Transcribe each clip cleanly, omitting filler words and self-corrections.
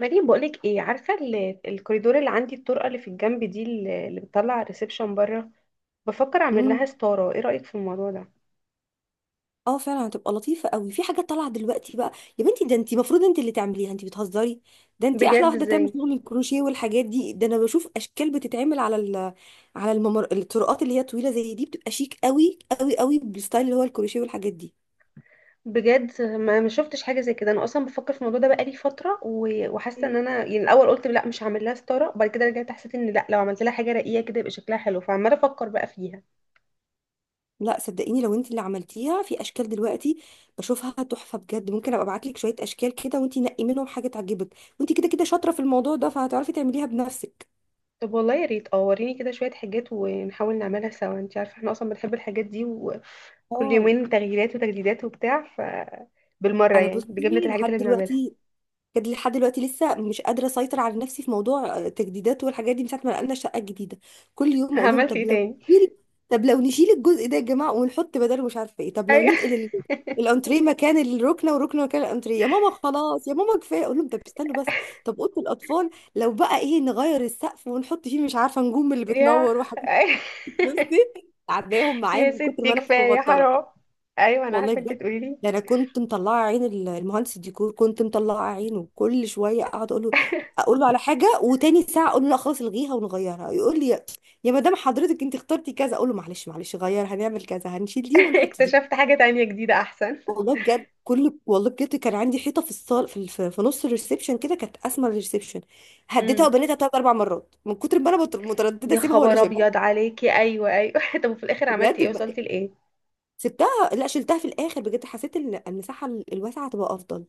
مريم، بقولك ايه؟ عارفة الكوريدور اللي عندي، الطرقة اللي في الجنب دي، اللي بتطلع على الريسبشن بره؟ بفكر اعمل امم لها ستارة. ايه رأيك في الموضوع ده؟ اه، فعلا هتبقى لطيفه قوي. في حاجه طالعه دلوقتي بقى. يا بنتي، ده انت المفروض انت اللي تعمليها، انت بتهزري. ده انت احلى بجد؟ واحده تعمل ازاي؟ شغل الكروشيه والحاجات دي. ده انا بشوف اشكال بتتعمل على ال على الممر، الطرقات اللي هي طويله زي دي بتبقى شيك قوي قوي قوي بالستايل اللي هو الكروشيه والحاجات دي. بجد ما شفتش حاجة زي كده. انا اصلا بفكر في الموضوع ده بقالي فترة، و- وحاسة ان مم. انا يعني الاول قلت لا، مش هعمل لها ستارة، وبعد كده رجعت حسيت ان لا، لو عملت لها حاجة رقيقة كده يبقى شكلها حلو، فعمالة افكر بقى فيها. لا صدقيني، لو انت اللي عملتيها في اشكال دلوقتي بشوفها تحفه بجد. ممكن ابقى ابعت لك شويه اشكال كده وانت نقي منهم حاجه تعجبك، وانت كده كده شاطره في الموضوع ده فهتعرفي تعمليها بنفسك. طب والله يا ريت، اه وريني كده شوية حاجات ونحاول نعملها سوا. انت عارفة احنا اصلا بنحب الحاجات دي، كل اه، يومين تغييرات وتجديدات وبتاع، ف بالمرة انا يعني بجبنة بصي، الحاجات لحد اللي بنعملها. دلوقتي بجد لحد دلوقتي لسه مش قادره اسيطر على نفسي في موضوع تجديدات والحاجات دي من ساعه ما نقلنا الشقه الجديده. كل يوم اقول لهم عملت طب ايه لو تاني؟ نشيل نشيل الجزء ده يا جماعه، ونحط بداله مش عارفه ايه. طب لو ايوه. ننقل الانتريه مكان الركنه والركنه مكان الانتريه. يا ماما خلاص، يا ماما كفايه، اقول لهم طب استنوا بس. طب اوضه الاطفال، لو بقى ايه نغير السقف ونحط فيه مش عارفه نجوم اللي يا بتنور وحاجات. أيوة. بصي، عداهم معايا يا من كتر ما ستي انا مش كفاية، مبطله. حرام. ايوه انا والله عارفة انت بجد، تقولي لي. ده انا كنت مطلعه عين المهندس الديكور، كنت مطلعه عينه كل شويه اقعد اقول له على حاجه، وتاني ساعه اقول له لا خلاص الغيها ونغيرها. يقول لي يا مدام حضرتك انت اخترتي كذا، اقول له معلش معلش، غير هنعمل كذا، هنشيل دي ونحط دي. اكتشفت حاجة تانية جديدة احسن. والله بجد كان عندي حيطه في الصال في نص الريسبشن، كده كانت اسمى الريسبشن. هديتها امم وبنيتها ثلاث اربع مرات من كتر ما انا متردده يا اسيبها ولا خبر شيلها. ابيض عليكي. ايوه ايوه. طب وفي الاخر عملتي بجد ايه؟ ب- وصلتي لايه؟ سبتها، لا شلتها في الاخر. بجد حسيت ان المساحه الواسعه هتبقى افضل.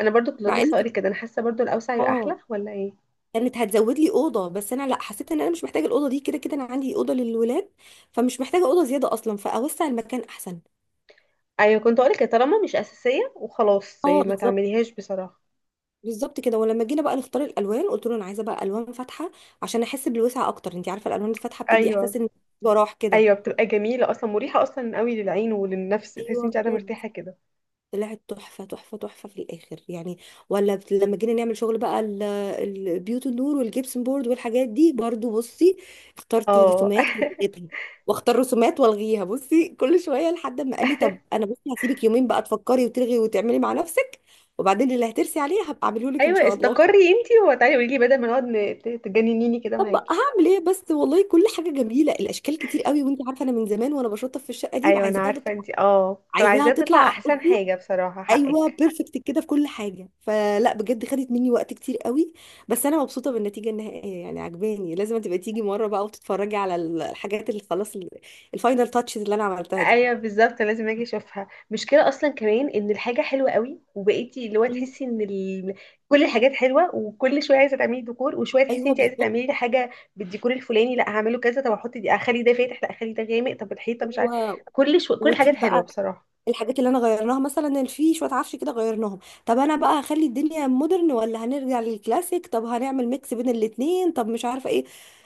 انا برضو كنت مع ان لسه هقولك كده، انا حاسة برضو الاوسع يبقى اه احلى، ولا ايه؟ كانت هتزود لي اوضه، بس انا لا، حسيت ان انا مش محتاجه الاوضه دي. كده كده انا عندي اوضه للولاد، فمش محتاجه اوضه زياده اصلا، فاوسع المكان احسن. ايوه كنت هقولك، يا طالما مش اساسية وخلاص اه إيه، ما بالظبط. تعمليهاش بصراحة. بالظبط كده. ولما جينا بقى نختار الالوان قلت له انا عايزه بقى الوان فاتحه عشان احس بالوسع اكتر. انت عارفه الالوان الفاتحه بتدي ايوه احساس ان براح كده. ايوه، بتبقى جميله اصلا، مريحه اصلا قوي للعين وللنفس، تحسي ايوه انت قاعده بجد. مرتاحه كده. طلعت تحفة تحفة تحفة في الآخر يعني. ولا لما جينا نعمل شغل بقى البيوت النور والجبسن بورد والحاجات دي برضو بصي، اخترت اه رسومات والغيتها، واختار رسومات والغيها بصي كل شوية، لحد ما قال لي طب انا بصي هسيبك يومين بقى تفكري وتلغي وتعملي مع نفسك، وبعدين اللي هترسي عليه هبقى اعمله لك ان ايوه، شاء الله. استقري انت وتعالي قولي لي، بدل ما نقعد تجننيني كده طب معاكي. هعمل ايه بس والله، كل حاجة جميلة، الاشكال كتير قوي، وانت عارفة انا من زمان وانا بشطف في الشقة دي ايوه انا وعايزاها عارفه تطلع. انت، اه عايزاها فعايزاه تطلع تطلع احسن بصي، حاجه، بصراحه ايوه حقك. بيرفكت كده في كل حاجه. فلا بجد، خدت مني وقت كتير قوي، بس انا مبسوطه بالنتيجه النهائيه، يعني عجباني. لازم تبقى تيجي مره بقى وتتفرجي على الحاجات اللي خلاص الفاينل تاتشز اللي انا عملتها دي. ايوه بالظبط، لازم اجي اشوفها. مشكله اصلا كمان ان الحاجه حلوه قوي، وبقيتي اللي هو مم. تحسي ان كل الحاجات حلوه، وكل شويه عايزه تعملي ديكور، وشويه ايوه تحسي انت عايزه بالظبط. تعملي لي حاجه بالديكور الفلاني، لا هعمله كذا، طب احط دي، اخلي ده فاتح لا اخلي ده غامق، طب الحيطه مش و... عارفه، كل الحاجات وتيجي حلوه بقى بصراحه. الحاجات اللي انا غيرناها مثلا، اللي فيه شويه عفش كده غيرناهم. طب انا بقى هخلي الدنيا مودرن ولا هنرجع للكلاسيك؟ طب هنعمل ميكس بين الاتنين؟ طب مش عارفه ايه.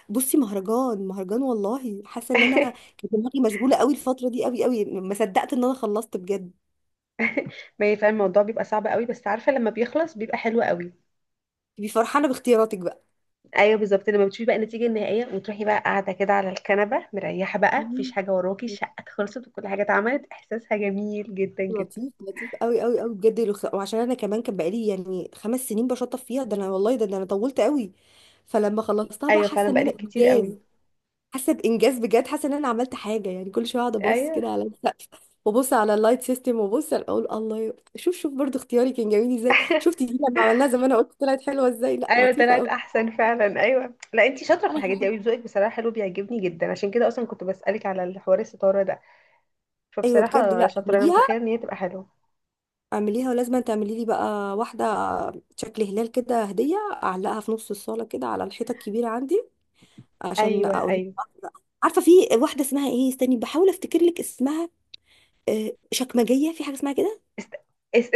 بصي مهرجان مهرجان والله. حاسه ان انا كانت دماغي مشغوله قوي الفتره دي قوي قوي، ما صدقت ان انا خلصت بجد. ما هي فعلا الموضوع بيبقى صعب قوي، بس عارفه لما بيخلص بيبقى حلو قوي. تبقي فرحانه باختياراتك بقى. ايوه بالظبط، لما بتشوفي بقى النتيجه النهائيه وتروحي بقى قاعده كده على الكنبه مريحه، بقى مفيش مم. حاجه وراكي، الشقه خلصت وكل حاجه اتعملت، احساسها جميل جدا جدا. لطيف لطيف قوي قوي قوي بجد. وعشان انا كمان كان بقالي يعني 5 سنين بشطف فيها، ده انا والله ده انا طولت قوي. فلما خلصتها بقى ايوه حاسه فعلا ان انا بقالك كتير انجاز. قوي. حاسه بانجاز بجد، حاسه ان انا عملت حاجه يعني. كل شويه اقعد ابص ايوه كده على السقف، وابص على اللايت سيستم، وابص اقول الله شوف شوف برضو اختياري كان جميل ازاي. شفتي دي لما عملناها زمان قلت طلعت حلوه ازاي؟ لا ايوه، لطيفه طلعت قوي. احسن فعلا. ايوه لا، انتي شاطره في انا الحاجات دي بحب. قوي، ذوقك بصراحه حلو بيعجبني جدا، عشان كده اصلا كنت بسالك على الحوار الستاره ده. ايوه بجد، فبصراحه لا شاطره، انا اعمليها. متخيله ان هي تبقى حلوه. اعمليها، ولازم تعملي لي بقى واحده شكل هلال كده هديه، اعلقها في نص الصاله كده على الحيطه الكبيره عندي، عشان ايوه اقول. ايوه. عارفه في واحده اسمها ايه، استني بحاول افتكر لك اسمها. شكمجيه، في حاجه اسمها كده. است... است...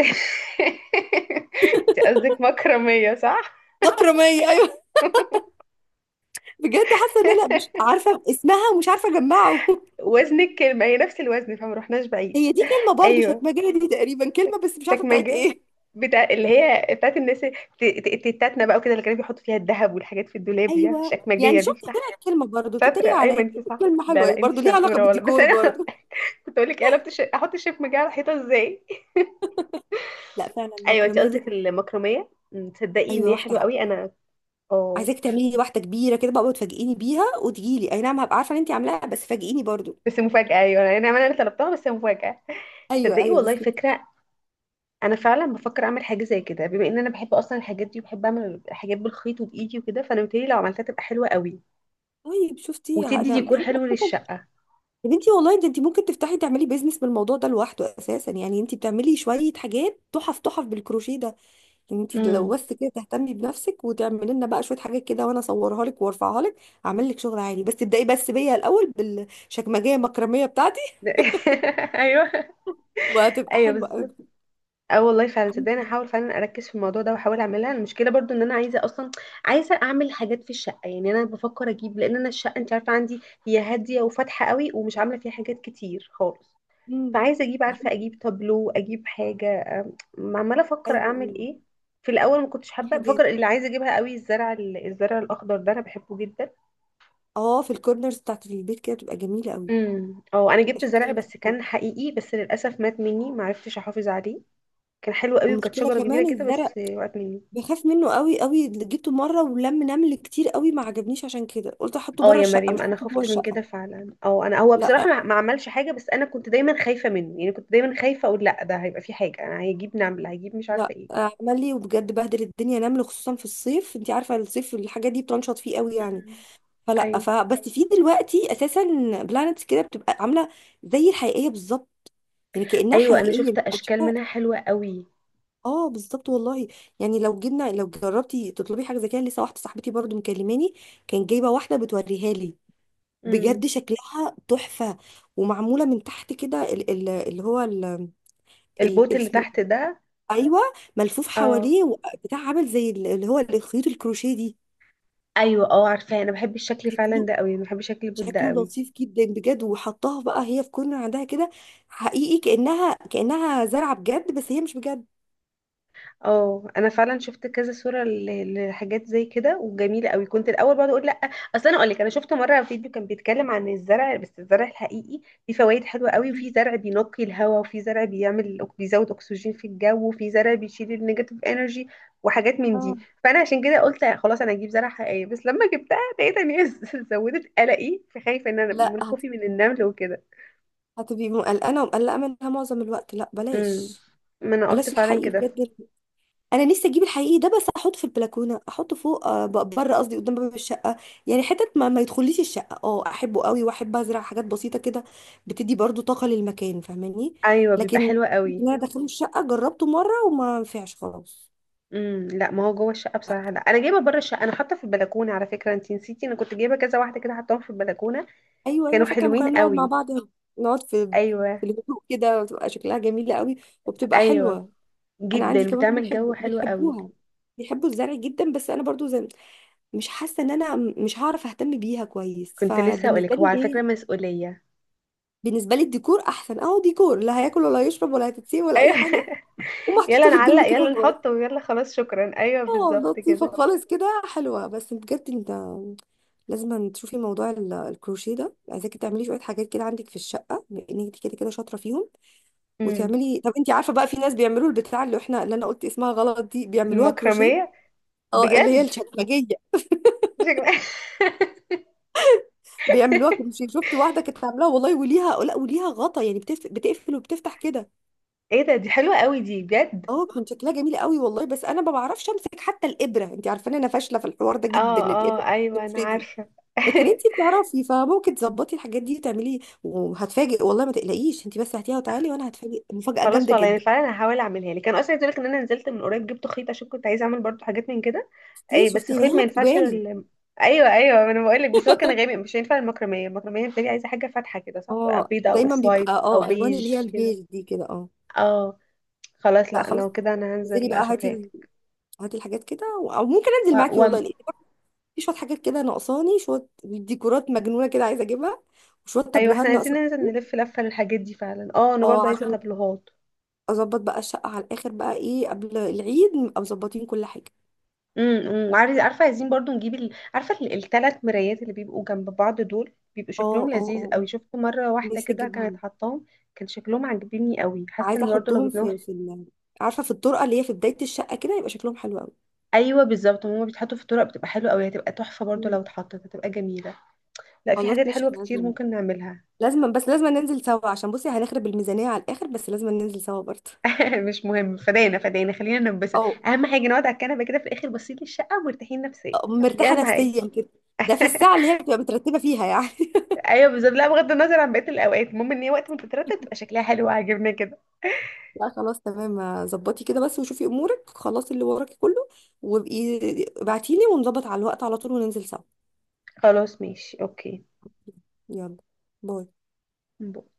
انت قصدك مكرميه، صح؟ اكرميه، ايوه. بجد حاسه ان انا مش عارفه اسمها ومش عارفه اجمعه. وزن الكلمه هي نفس الوزن، فما رحناش بعيد. هي دي كلمه برضو، ايوه. شكمجيه دي تقريبا شك... كلمه بس مش شك عارفه بتاعت مجال ايه. بتاع اللي هي بتاعت الناس التتاتنا بقى وكده، اللي كانوا بيحطوا فيها الذهب والحاجات في الدولاب دي، عارفة، ايوه، يعني الشكمجيه شفت دي. طلعت كلمه برضو شاطرة، تتريق أيوة عليا. أنتي صح. كلمه لا لا، حلوه أنتي برضو، ليها علاقه شطورة والله، بس بالديكور أنا برضو. كنت أقول لك، قلبت أحط الشيف مجاعة على الحيطة إزاي. لا فعلا، أيوة أنتي المكرميه دي. قصدك المكرمية. أمم، تصدقي إن ايوه هي حلوة واحده، قوي. أنا أه، عايزاك تعملي لي واحده كبيره كده بقى وتفاجئيني بيها، وتجي لي اي نعم هبقى عارفه ان انت عاملاها، بس فاجئيني برضو. بس مفاجأة. أيوة أنا طلبتها، بس مفاجأة. ايوه تصدقي ايوه والله بس. فكرة. أنا فعلا بفكر أعمل حاجة زي كده، بما إن أنا بحب أصلا الحاجات دي، وبحب أعمل حاجات بالخيط وبإيدي وكده، فأنا متهيألي لو عملتها تبقى حلوة قوي، طيب شفتي انا وتدي انت ديكور حلو أساساً. للشقة. يا بنتي والله ده انت ممكن تفتحي تعملي بيزنس بالموضوع ده لوحده اساسا. يعني انت بتعملي شويه حاجات تحف تحف بالكروشيه ده. انتي لو امم بس كده تهتمي بنفسك وتعملي لنا بقى شويه حاجات كده، وانا اصورها لك وارفعها لك. اعمل لك شغل عالي، بس ابدأي بس بيا الاول بالشكمجيه المكرميه بتاعتي. أيوة وهتبقى أيوة حلوه قوي. بالظبط. اه والله فعلا، صدقني هحاول فعلا اركز في الموضوع ده واحاول اعملها. المشكله برضو ان انا عايزه اصلا، عايزه اعمل حاجات في الشقه، يعني انا بفكر اجيب، لان انا الشقه انت عارفه عندي، هي هاديه وفاتحه قوي، ومش عامله فيها حاجات كتير خالص، امم، فعايزه اجيب، عارفه عارفة، اجيب تابلو، اجيب حاجه. عماله افكر ايوه ايوه. اعمل ايه. في الاول ما كنتش في حابه، حاجات، بفكر اللي عايزه اجيبها قوي الزرع، الزرع الاخضر ده انا بحبه جدا. اه، في الكورنرز بتاعت البيت كده بتبقى جميله قوي. اه انا جبت زرع، شكلها بس حلو. كان حقيقي، بس للاسف مات مني، ما عرفتش احافظ عليه. كان حلو قوي، وكانت المشكله شجره كبيره كمان كده، الزرق، بس وقت مني. بخاف منه قوي قوي. اللي جبته مره ولم نمل كتير قوي، ما عجبنيش، عشان كده قلت احطه اه بره يا الشقه مش مريم، انا هحطه جوه خفت من كده الشقه. فعلا. او انا هو بصراحه لا، ما عملش حاجه، بس انا كنت دايما خايفه منه، يعني كنت دايما خايفه اقول لا، ده هيبقى في حاجه، انا هيجيب نمله، هيجيب مش عارفه لا ايه. عمل لي وبجد بهدل الدنيا نمل، خصوصا في الصيف. انت عارفه الصيف الحاجات دي بتنشط فيه قوي يعني. مم. فلا، ف ايوه بس في دلوقتي اساسا بلانتس كده بتبقى عامله زي الحقيقيه بالظبط، يعني كانها ايوه، انا حقيقيه شفت مش اشكال بتشوفها. منها حلوه قوي. اه بالظبط والله. يعني لو جبنا، لو جربتي تطلبي حاجه زي كده، لسه واحده صاحبتي برضو مكلماني كان جايبه واحده بتوريها لي. امم بجد شكلها تحفه. ومعموله من تحت كده ال- ال- اللي هو ال- ال- البوت اللي اسمه، تحت ده. ايوه، ملفوف اه حواليه بتاع عامل زي اللي هو خيوط الكروشيه دي. ايوه، اه عارفاه، انا بحب الشكل فعلا شكله، ده قوي، انا بحب شكل البوت ده شكله قوي. لطيف جدا بجد. وحطاها بقى هي في كورنر عندها كده، حقيقي كأنها زرعة بجد بس هي مش بجد. اه انا فعلا شفت كذا صوره لحاجات زي كده وجميله قوي، كنت الاول بقعد اقول لا. اصل انا اقول لك، انا شفت مره فيديو كان بيتكلم عن الزرع، بس الزرع الحقيقي فيه فوائد حلوه قوي، مم. وفي زرع بينقي الهواء، وفي زرع بيعمل بيزود اكسجين في الجو، وفي زرع بيشيل النيجاتيف انرجي وحاجات من دي. اه فانا عشان كده قلت خلاص انا هجيب زرع حقيقي، بس لما جبتها لقيت ان هي زودت قلقي، فخايفه ان انا لا من خوفي من النمل وكده. هتبقي قلقانة ومقلقة منها معظم الوقت، لا امم بلاش. ما انا قلت بلاش فعلا الحقيقي كده. بجد. انا نفسي اجيب الحقيقي ده بس احطه في البلكونه، احطه فوق، بره قصدي، قدام باب الشقه، يعني حتت ما يدخليش الشقه. اه احبه قوي، واحب ازرع حاجات بسيطه كده، بتدي برضو طاقه للمكان، فاهماني. ايوه بيبقى لكن حلو إن قوي. انا داخله الشقه جربته مره وما نفعش خلاص. لا ما هو جوه الشقه بصراحه لا، انا جايبه بره الشقه، انا حاطه في البلكونه، على فكره انت نسيتي انا كنت جايبه كذا واحده كده، حطاهم في البلكونه، ايوه ايوه، كانوا فاكره لما كنا حلوين بنقعد مع قوي. بعض، نقعد في ايوه في الهدوء كده، بتبقى شكلها جميله قوي وبتبقى ايوه حلوه. انا عندي جدا، كمان بتعمل جو حلو قوي. بيحبوها، بيحبوا الزرع جدا. بس انا برضو زي، مش حاسه ان انا مش هعرف اهتم بيها كويس. كنت لسه فبالنسبه هقولك هو على لي، فكره مسؤوليه. بالنسبه لي الديكور احسن، اهو ديكور لا هياكل ولا هيشرب ولا هتتسيب ولا اي ايوه. حاجه، يلا ومحطوطه في نعلق، الجنب كده يلا وخلاص. نحطه، ويلا خلاص شكرا، ايوه اه بالظبط لطيفه كده. خالص كده حلوه. بس بجد انت لازم تشوفي موضوع الكروشيه ده، عايزاكي تعملي شويه حاجات كده عندك في الشقه، بما انك انت كده كده شاطره فيهم. امم وتعملي، طب انت عارفه بقى في ناس بيعملوا البتاع، اللي انا قلت اسمها غلط دي، بيعملوها كروشيه. المكرميه. اه اللي هي بجد؟ الشكمجيه، شكرا. بيعملوها كروشيه. شفت واحده كانت عاملاها والله، وليها، لا وليها غطا يعني بتقفل وبتفتح كده. ايه ده، دي حلوه قوي دي بجد. اه كان شكلها جميل قوي والله. بس انا ما بعرفش امسك حتى الابره، انت عارفه ان انا فاشله في الحوار ده جدا، اه اه، الابره ايوه انا بتفردي. عارفه. لكن انت بتعرفي فممكن تظبطي الحاجات دي وتعملي، وهتفاجئ والله، ما تقلقيش، انت بس هاتيها وتعالي وانا هتفاجئ مفاجاه خلاص جامده والله انا جدا. فعلا هحاول اعملها لي، كان اصلا عايز اقولك ان انا نزلت من قريب جبت خيط، عشان كنت عايزه اعمل برضو حاجات من كده. شفتي، اي بس شفتيني هي خيط ما ينفعش مكتوبه لي. ايوه ايوه ما انا بقول لك، بس هو كان غامق مش هينفع المكرميه، المكرميه بتبقى عايزه حاجه فاتحه كده، صح؟ تبقى اه بيضه او دايما اوف بيبقى، وايت او الوان اللي بيج هي كده. البيج دي كده، اه. اه. خلاص لا لا، خلاص. لو كده انا انزلي هنزل بقى، هاتي اشوفها لك. ال- هاتي الحاجات كده، او ممكن انزل و... معاكي و... والله، لان برضه في شويه حاجات كده ناقصاني، شويه ديكورات مجنونه كده عايزه اجيبها، وشويه ايوه تابلوهات احنا عايزين ناقصه. ننزل نلف لفه للحاجات دي فعلا، اه انا برضو اه عايزه عشان تابلوهات. اظبط بقى الشقه على الاخر بقى ايه، قبل العيد نبقى مظبطين كل حاجه. عارف، عارفه عايزين برضو نجيب عارفه الثلاث مرايات اللي بيبقوا جنب بعض دول، بيبقوا اه شكلهم اه لذيذ اه، قوي، شفت مره واحده نفسي كده كانت اجيبهم. حطاهم، كان شكلهم عاجبني قوي، حاسه عايزه ان برضو لو احطهم جبناهم في عارفه، في الطرقه اللي هي في بدايه الشقه كده، يبقى شكلهم حلو قوي. ايوه بالظبط، هما بيتحطوا في الطرق بتبقى حلوه قوي، هتبقى تحفه برضو مم. لو اتحطت هتبقى جميله. لا في خلاص حاجات ماشي، حلوه احنا كتير لازم، ممكن نعملها. لازم بس لازم ننزل سوا، عشان بصي هنخرب الميزانيه على الاخر، بس لازم ننزل سوا برضه. مش مهم، فدانا فدانا، خلينا ننبسط. او، اهم حاجه نقعد على الكنبه كده في الاخر باصين للشقه ومرتاحين نفسيا، أو دي مرتاحه اهم حاجه. نفسيا كده. ده في الساعه اللي هي بتبقى مترتبه فيها يعني. ايوه بالظبط، لا بغض النظر عن بقيه الاوقات، المهم ان هي وقت ما تترتب تبقى شكلها حلو وعاجبنا كده. لا خلاص تمام، ظبطي كده بس وشوفي امورك، خلاص اللي وراكي كله، وابقي ابعتيلي ونظبط على الوقت على طول، وننزل سوا. خلاص ماشي، اوكي. يلا. باي. باي.